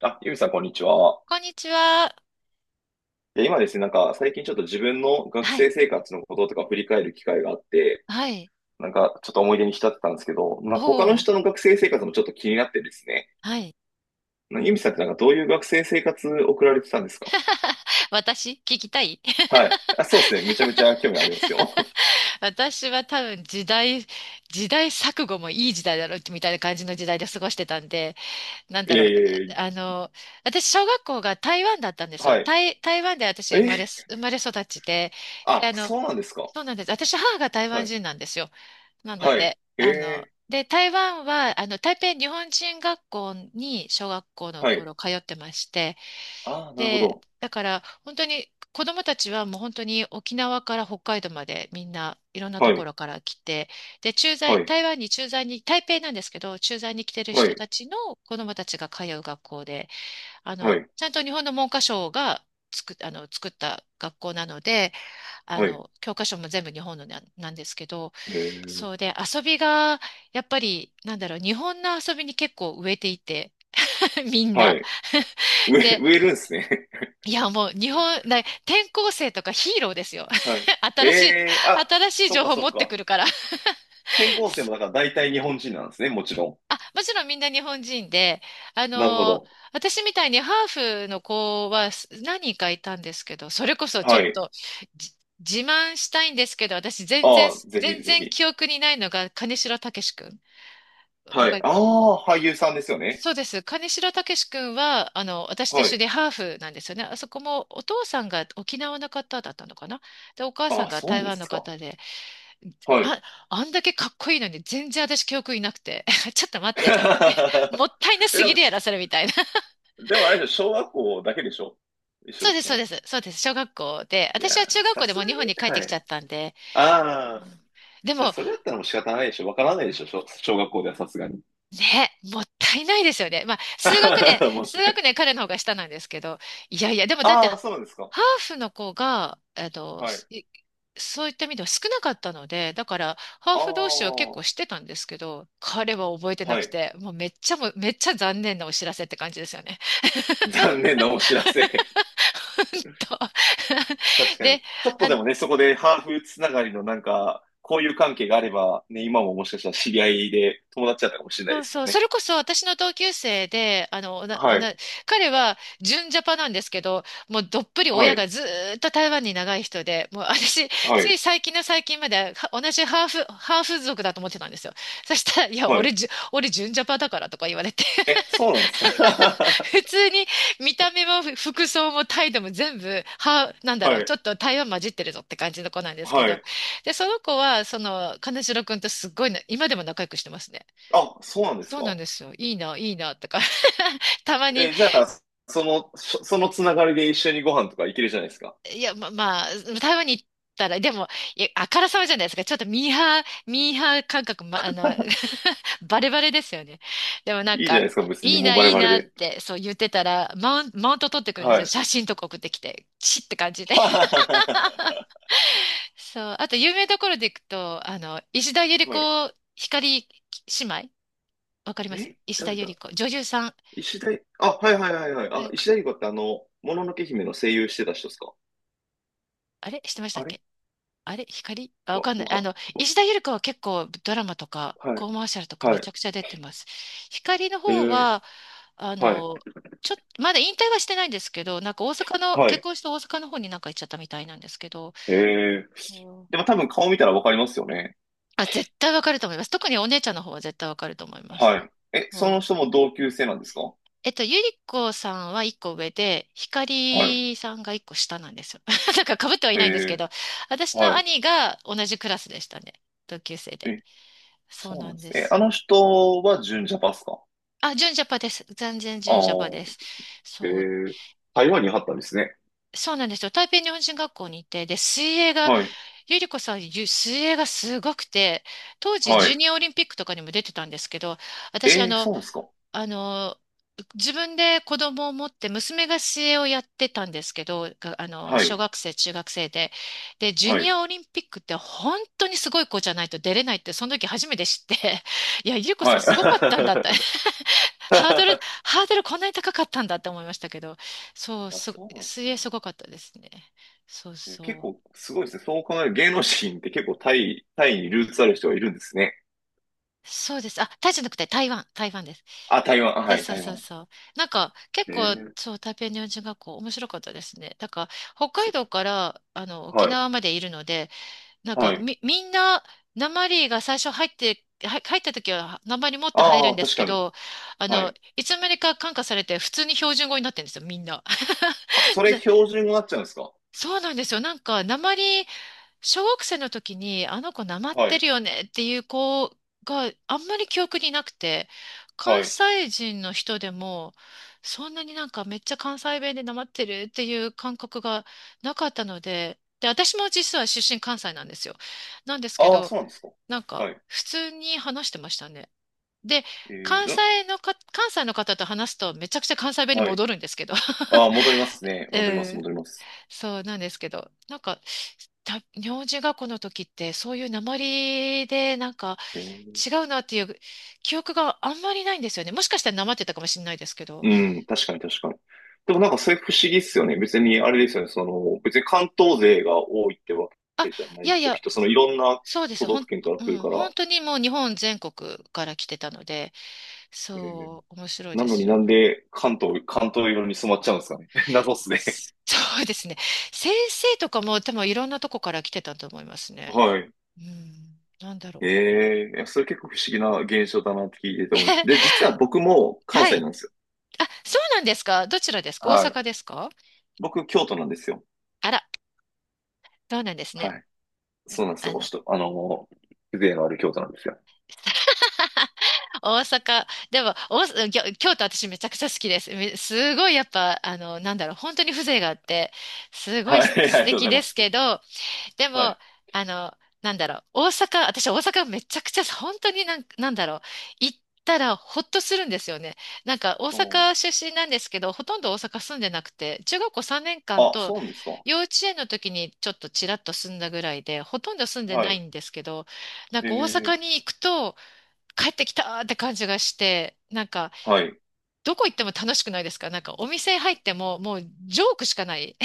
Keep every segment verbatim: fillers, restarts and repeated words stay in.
あ、ゆみさん、こんにちは。こんにちは。で、今ですね、なんか、最近ちょっと自分の学はい。生生活のこととか振り返る機会があって、はい。なんか、ちょっと思い出に浸ってたんですけど、なんか他のおー。人の学生生活もちょっと気になってですね、はい。なんかゆみさんってなんかどういう学生生活送られてたんですか？ 私聞きたい。 はい。あ、そうですね。めちゃめちゃ興味ありますよ。私は多分時代、時代錯誤もいい時代だろうみたいな感じの時代で過ごしてたんで、なん だいえいろう。えいえ、あの、私、小学校が台湾だったんですよ。はい。台、台湾で私生まれ、え、生まれ育ちで、で、あ、あの、そうなんですか？そうなんです。私、母が台は湾い。人なんですよ。なのはで、い。えあの、え、で、台湾は、あの、台北日本人学校に小学校のはい。頃通ってまして、ああ、なるほで、ど。だから本当に子供たちはもう本当に沖縄から北海道までみんないろんなとはい。ころから来て、で、駐は在、い。台湾に駐在に、台北なんですけど、駐在に来てるは人い。たちの子供たちが通う学校で、あはの、い。ちゃんと日本の文科省が作っ、あの、作った学校なので、あはい。の、教科書も全部日本のな、なんですけど、えそー、うで、遊びが、やっぱり、なんだろう、日本の遊びに結構植えていて、みんはな。い。植え、で、植えるんですね。いや、もう、日本、な、転校生とかヒーローですよ。はい。え新しい、え、あ、新しいそっ情か報そ持っってくか。るから。転校生もだ から大体日本人なんですね、もちろあ、もちろんみんな日本人で、あん。なるほの、ど。私みたいにハーフの子はす何人かいたんですけど、それこそちょはっい。と、じ自慢したいんですけど、私全然、ああ、ぜ全ひぜ然ひ。記憶にないのが、金城武志くん。わはかい。ああ、俳優さんですよね。そうです。金城武志君は、あの、私と一は緒い。でハーフなんですよね。あそこもお父さんが沖縄の方だったのかな。で、お母さあんあ、がそ台うで湾のすか。方で、はい。あ、あんだけかっこいいのに全然私記憶いなくて、ちょっと待ってと思って、もったいな え、すでぎもるやし、ろ、それみたいな。でもあれでしょ？小学校だけでしょ？一 緒そだうっです、たそうの。です、そうです。小学校で、いや私は中ー、学さ校ですもう日本に帰っがてに、はきちゃい。ったんで、あうあ、ん。でじゃあも、それだったらもう仕方ないでしょ。わからないでしょ、小、小学校ではさすがに。ね、もったいないですよね。まあ、数学年、も数う、学年彼の方が下なんですけど、いやいや、でもだってああ、そうなんですか。ハーフの子が、えっと、はい。すいそういった意味では少なかったので、だから、ハーああ、フ同士は結構は知ってたんですけど、彼は覚えてなくい。て、もうめっちゃも、めっちゃ残念なお知らせって感じですよね。残念なお知らせ。ほんと。 確 かに。で、ちょっとあ、でもね、そこでハーフつながりのなんか、交友関係があれば、ね、今ももしかしたら知り合いで友達だったかもしれないそでうすそもう。んそね。れこそ私の同級生で、あの、おな、おはな、い、彼は純ジャパなんですけど、もうどっぷりは親がい、ずーっと台湾に長い人で、もう私、はついい、最近の最近までは同じハーフ、ハーフ族だと思ってたんですよ。そしたら、いや、は俺い。じゅ、俺純ジャパだからとか言われて、え、そうなんです か？ 普 通に見た目もふ服装も態度も全部、は、なんだはろう、い、ちょっと台湾混じってるぞって感じの子なんですけはど、い。で、その子は、その、金城くんとすっごいな、今でも仲良くしてますね。あ、そうなんですそうなんか？ですよ。いいな、いいな、とか。 たまに、え、じゃあ、その、そそのつながりで一緒にご飯とか行けるじゃないですか。いや、ま、まあ、台湾に行ったら、でも、いや、あからさまじゃないですか。ちょっとミーハー、ミーハー感覚、ま、あの、バレバレですよね。でもなんいいじゃか、ないですか、別いにいもうな、バレいいバレなっで。て、そう言ってたら、マウン、マウント取ってくるんですはよ。い。写真とか送ってきて、チッって感じで。はそう。あと、有名どころで行くと、あの、石田ゆりい。子、光姉妹、わかります？え、石田誰ゆりだ。子。女優さん。石田い、あ、はいはいはいはい。はあ、い。石田ゆり子ってあの、もののけ姫の声優してた人ですか？あれしてましたっあれ？け？あれ、光あ、わわ、かんなわい。あか、の、わ石田ゆり子は結構ドラマとかはい、コマーシャルとかめはい、ちゃくちゃ出てます。光のえ方ー、は、あはい、の、ちょっと、まだ引退はしてないんですけど、なんか大阪の、は結い、婚して大阪の方になんか行っちゃったみたいなんですけど、えー。そでもう、多分顔見たらわかりますよね。あ、絶対わかると思います。特にお姉ちゃんの方は絶対わかると思います。はい。え、そそのう。人も同級生なんですか？えっと、ゆり子さんは一個上で、は光さんが一個下なんですよ。なんか被ってはいい、ないんですけえー、ど、私のはい。兄が同じクラスでしたね。同級生で。え、そうそうななんんでですね。え、すあのよ。人は純ジャパっすか？あ、純ジャパです。全然ああ純ジャパでー、す。えそう、ー、台湾に貼ったんですね。そうなんですよ。台北日本人学校にいて、で、水泳が、はい、ゆりこさん、ゆ水泳がすごくて、当時、はジュい。ニアオリンピックとかにも出てたんですけど、私、あえー、の、そうなんですか？あの、自分で子供を持って、娘が水泳をやってたんですけど、があの、は小い、学生、中学生で。で、ジュはニい、アオリンピックって本当にすごい子じゃないと出れないって、その時初めて知って、いや、ゆりこはさんすごかったんい。だって。ハードル、ハードルこんなに高かったんだって思いましたけど、そう、あ、す、そうなんです水泳すね。ごかったですね。そうえ、結そ構う。すごいですね。そう考える芸能人って結構タイ、タイ、にルーツある人がいるんですね。そうです。あ、タイじゃなくて台湾、台湾です。あ、台湾。あ、そはうい、そう台そう湾。そう。なんか結構、ええ、そう、台北日本人学校面白かったですね。だから北海そ、道からあの沖はい、縄までいるので、なんはかい。み、みんな、訛りが最初入って、は入った時は訛り持って入るあんあ、です確けかに。ど、あはの、い。いつの間にか感化されて普通に標準語になってるんですよ、みんな。あ、そ れな標準語になっちゃうんですか？そうなんですよ。なんか、訛り、小学生の時にあの子なまっはてい、るよねっていう子があんまり記憶になくて、は関い。西人の人でもそんなになんかめっちゃ関西弁でなまってるっていう感覚がなかったので、で、私も実は出身関西なんですよ。なんですけああ、ど、そうなんですか？なんかはい。普通に話してましたね。で、ええ、関な西のか、関西の方と話すとめちゃくちゃ関西弁にはい。戻るんですけど。ああ、戻りますね。う戻ります、ん。戻ります。そうなんですけど、なんか、た名字がこの時って、そういう訛りで、なんかえ違うなっていう記憶があんまりないんですよね。もしかしたら訛ってたかもしれないですけど。え、うん、確かに確かに。でもなんかそれ不思議っすよね。別にあれですよね。その、別に関東勢が多いってわあ、けじゃないいやでいしょ。きっや、とそのいろんなそうで都す。道ほ府ん、県からう来るん、から。本当にもう日本全国から来てたので、ええ、そう、面白いなでのすになよ。んで関東、関東色に染まっちゃうんですかね。謎っすね。そうですね。先生とかも多分いろんなとこから来てたと思います ね。はい。うん、なんだろええ、それ結構不思議な現象だなって聞いててう。思いました。で、実は僕も関は西い。なんですよ。あ、そうなんですか？どちらですか？大はい。阪ですか？僕、京都なんですよ。あら。そうなんですね。はい。そうなんですあよ。おの、しと、あの風情のある京都なんですよ。大阪、でも、大阪、ぎょ京都私めちゃくちゃ好きです。めすごいやっぱ、あの、なんだろう、本当に風情があって、すごいはい。す あり素がとうご敵ざいでますす。けど、ではも、い。あの、なんだろう、大阪、私大阪めちゃくちゃ、本当になんか、なんだろう、行ったらほっとするんですよね。なんか大うん、阪出身なんですけど、ほとんど大阪住んでなくて、中学校さんねんかんあ、とそうなんですか。幼稚園の時にちょっとちらっと住んだぐらいで、ほとんど住んではないい。んですけど、なんえか大え、阪に行くと帰ってきたーって感じがして、なんかはい。どこ行っても楽しくないですか？なんかお店入ってももうジョークしかない。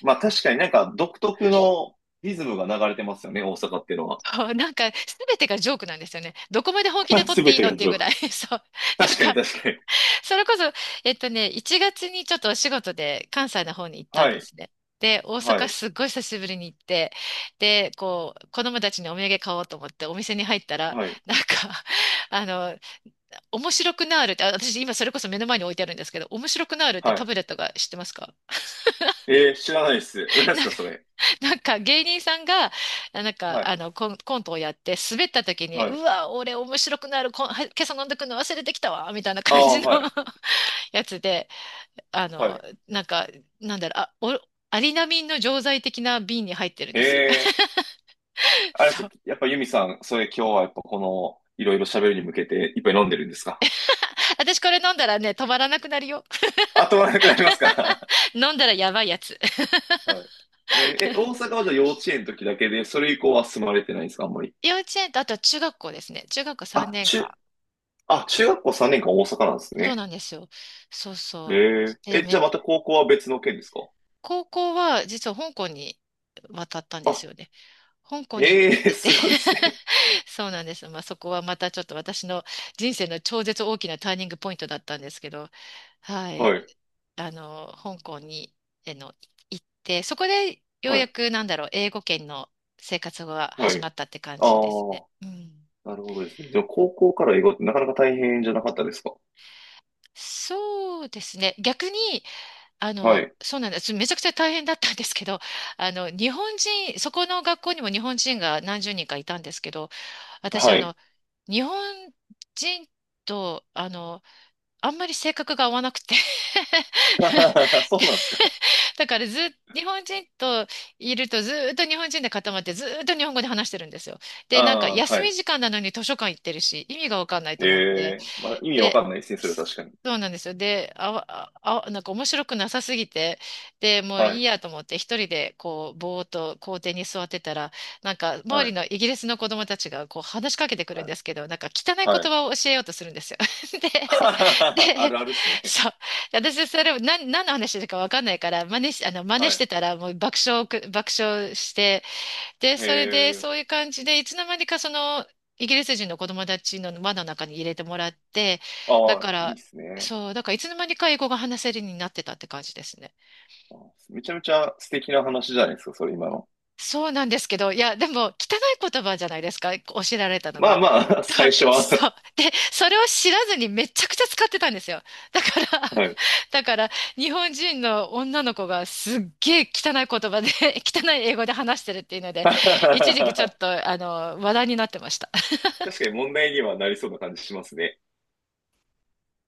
まあ確かになんか独特のリズムが流れてますよね、大阪っていうのは。そう、なんか、すべてがジョークなんですよね。どこまで本気で 撮っすてべいいてのっがていジうョーぐらい。ク。そう。なん確かにか、確かに。それこそ、えっとね、いちがつにちょっとお仕事で関西の方に行ったんはでい。すね。で、大は阪い。すっごい久しぶりに行って、で、こう、子供たちにお土産買おうと思ってお店に入ったら、はい。なんか、あの、面白くなーるって、あ私今それこそ目の前に置いてあるんですけど、面白くなーるってタはブレットが知ってますか？い。えー、知らないです。何ですなんか、か それ。なんか芸人さんが、あなんかはい。あのコン、コントをやって滑った時に、はい。うわ、俺面白くなる、こん、は今朝飲んでくの忘れてきたわ、みたいなあ感あ、じの はい。やつで、あはの、い。なんか、なんだろう、あ、お、アリナミンの錠剤的な瓶に入ってるんへですよ。え。あれでそす、う。やっぱユミさん、それ今日はやっぱこの、いろいろ喋るに向けていっぱい飲んでるんですか？私これ飲んだらね、止まらなくなるよ。あとはなくなりますか？ 飲んだらやばいやつ。はい。えーえ、大阪はじゃあ幼稚園の時だけで、それ以降は住まれてないんですかあんまり。幼稚園と、あとは中学校ですね。中学校3あ、年間。中、あ、中学校さんねんかん大阪なんですそうね。なんですよ。そうそう。へえ。で、え、じゃめ、あまた高校は別の県ですか？高校は実は香港に渡ったんであ、すよね。香港に行っええ、てて すごいっすね。そうなんです。まあ、そこはまたちょっと私の人生の超絶大きなターニングポイントだったんですけど、はい。はい。あの、香港に、あの、行って、そこでようはい。やくなんだろう、英語圏の生活がは始い。まったって感あじですね。あ。うん。なるほどですね。じゃあ、高校から英語ってなかなか大変じゃなかったですか？そうですね。逆にあはの、い。そうなんです。めちゃくちゃ大変だったんですけど、あの、日本人、そこの学校にも日本人が何十人かいたんですけど、私、はあい。の、日本人と、あの、あんまり性格が合わなくて そでうなんですか？だからずっ、日本人といるとずっと日本人で固まってずっと日本語で話してるんですよ。あで、なんかあ、休はい。み時間なのに図書館行ってるし、意味がわかんないとえ思って。え、まあ、意味わかで、んないですね、それは確かに。そうなんですよ。で、あわ、あ、あなんか面白くなさすぎて、で、もうはいいい。やと思って一人でこう、ぼーっと校庭に座ってたら、なんか周はりい。のイギリスの子供たちがこう話しかけてくるはんい。ですけど、なんか汚い言はい。葉を教えようとするんですよ。で、あで、るあるっすね。そう。私、それを何、何の話だかわかんないから、真似し、あの、真似はしてい。たら、もう爆笑をく、爆笑して、で、それで、ええ、そういう感じで、いつの間にかその、イギリス人の子供たちの輪の中に入れてもらって、だあかあ、いいっら、すね。そう、だからいつの間にか英語が話せるようになってたって感じですね。あー、めちゃめちゃ素敵な話じゃないですか、それ今の。そうなんですけど、いや、でも、汚い言葉じゃないですか、教えられたのまあが。まあ、と最初は。そう。で、それを知らずにめちゃくちゃ使ってたんですよ。だから、はい。だから、日本人の女の子がすっげえ汚い言葉で、汚い英語で話してるっていうので、一時期ちょっ と、あの、話題になってました。確かに問題にはなりそうな感じしますね。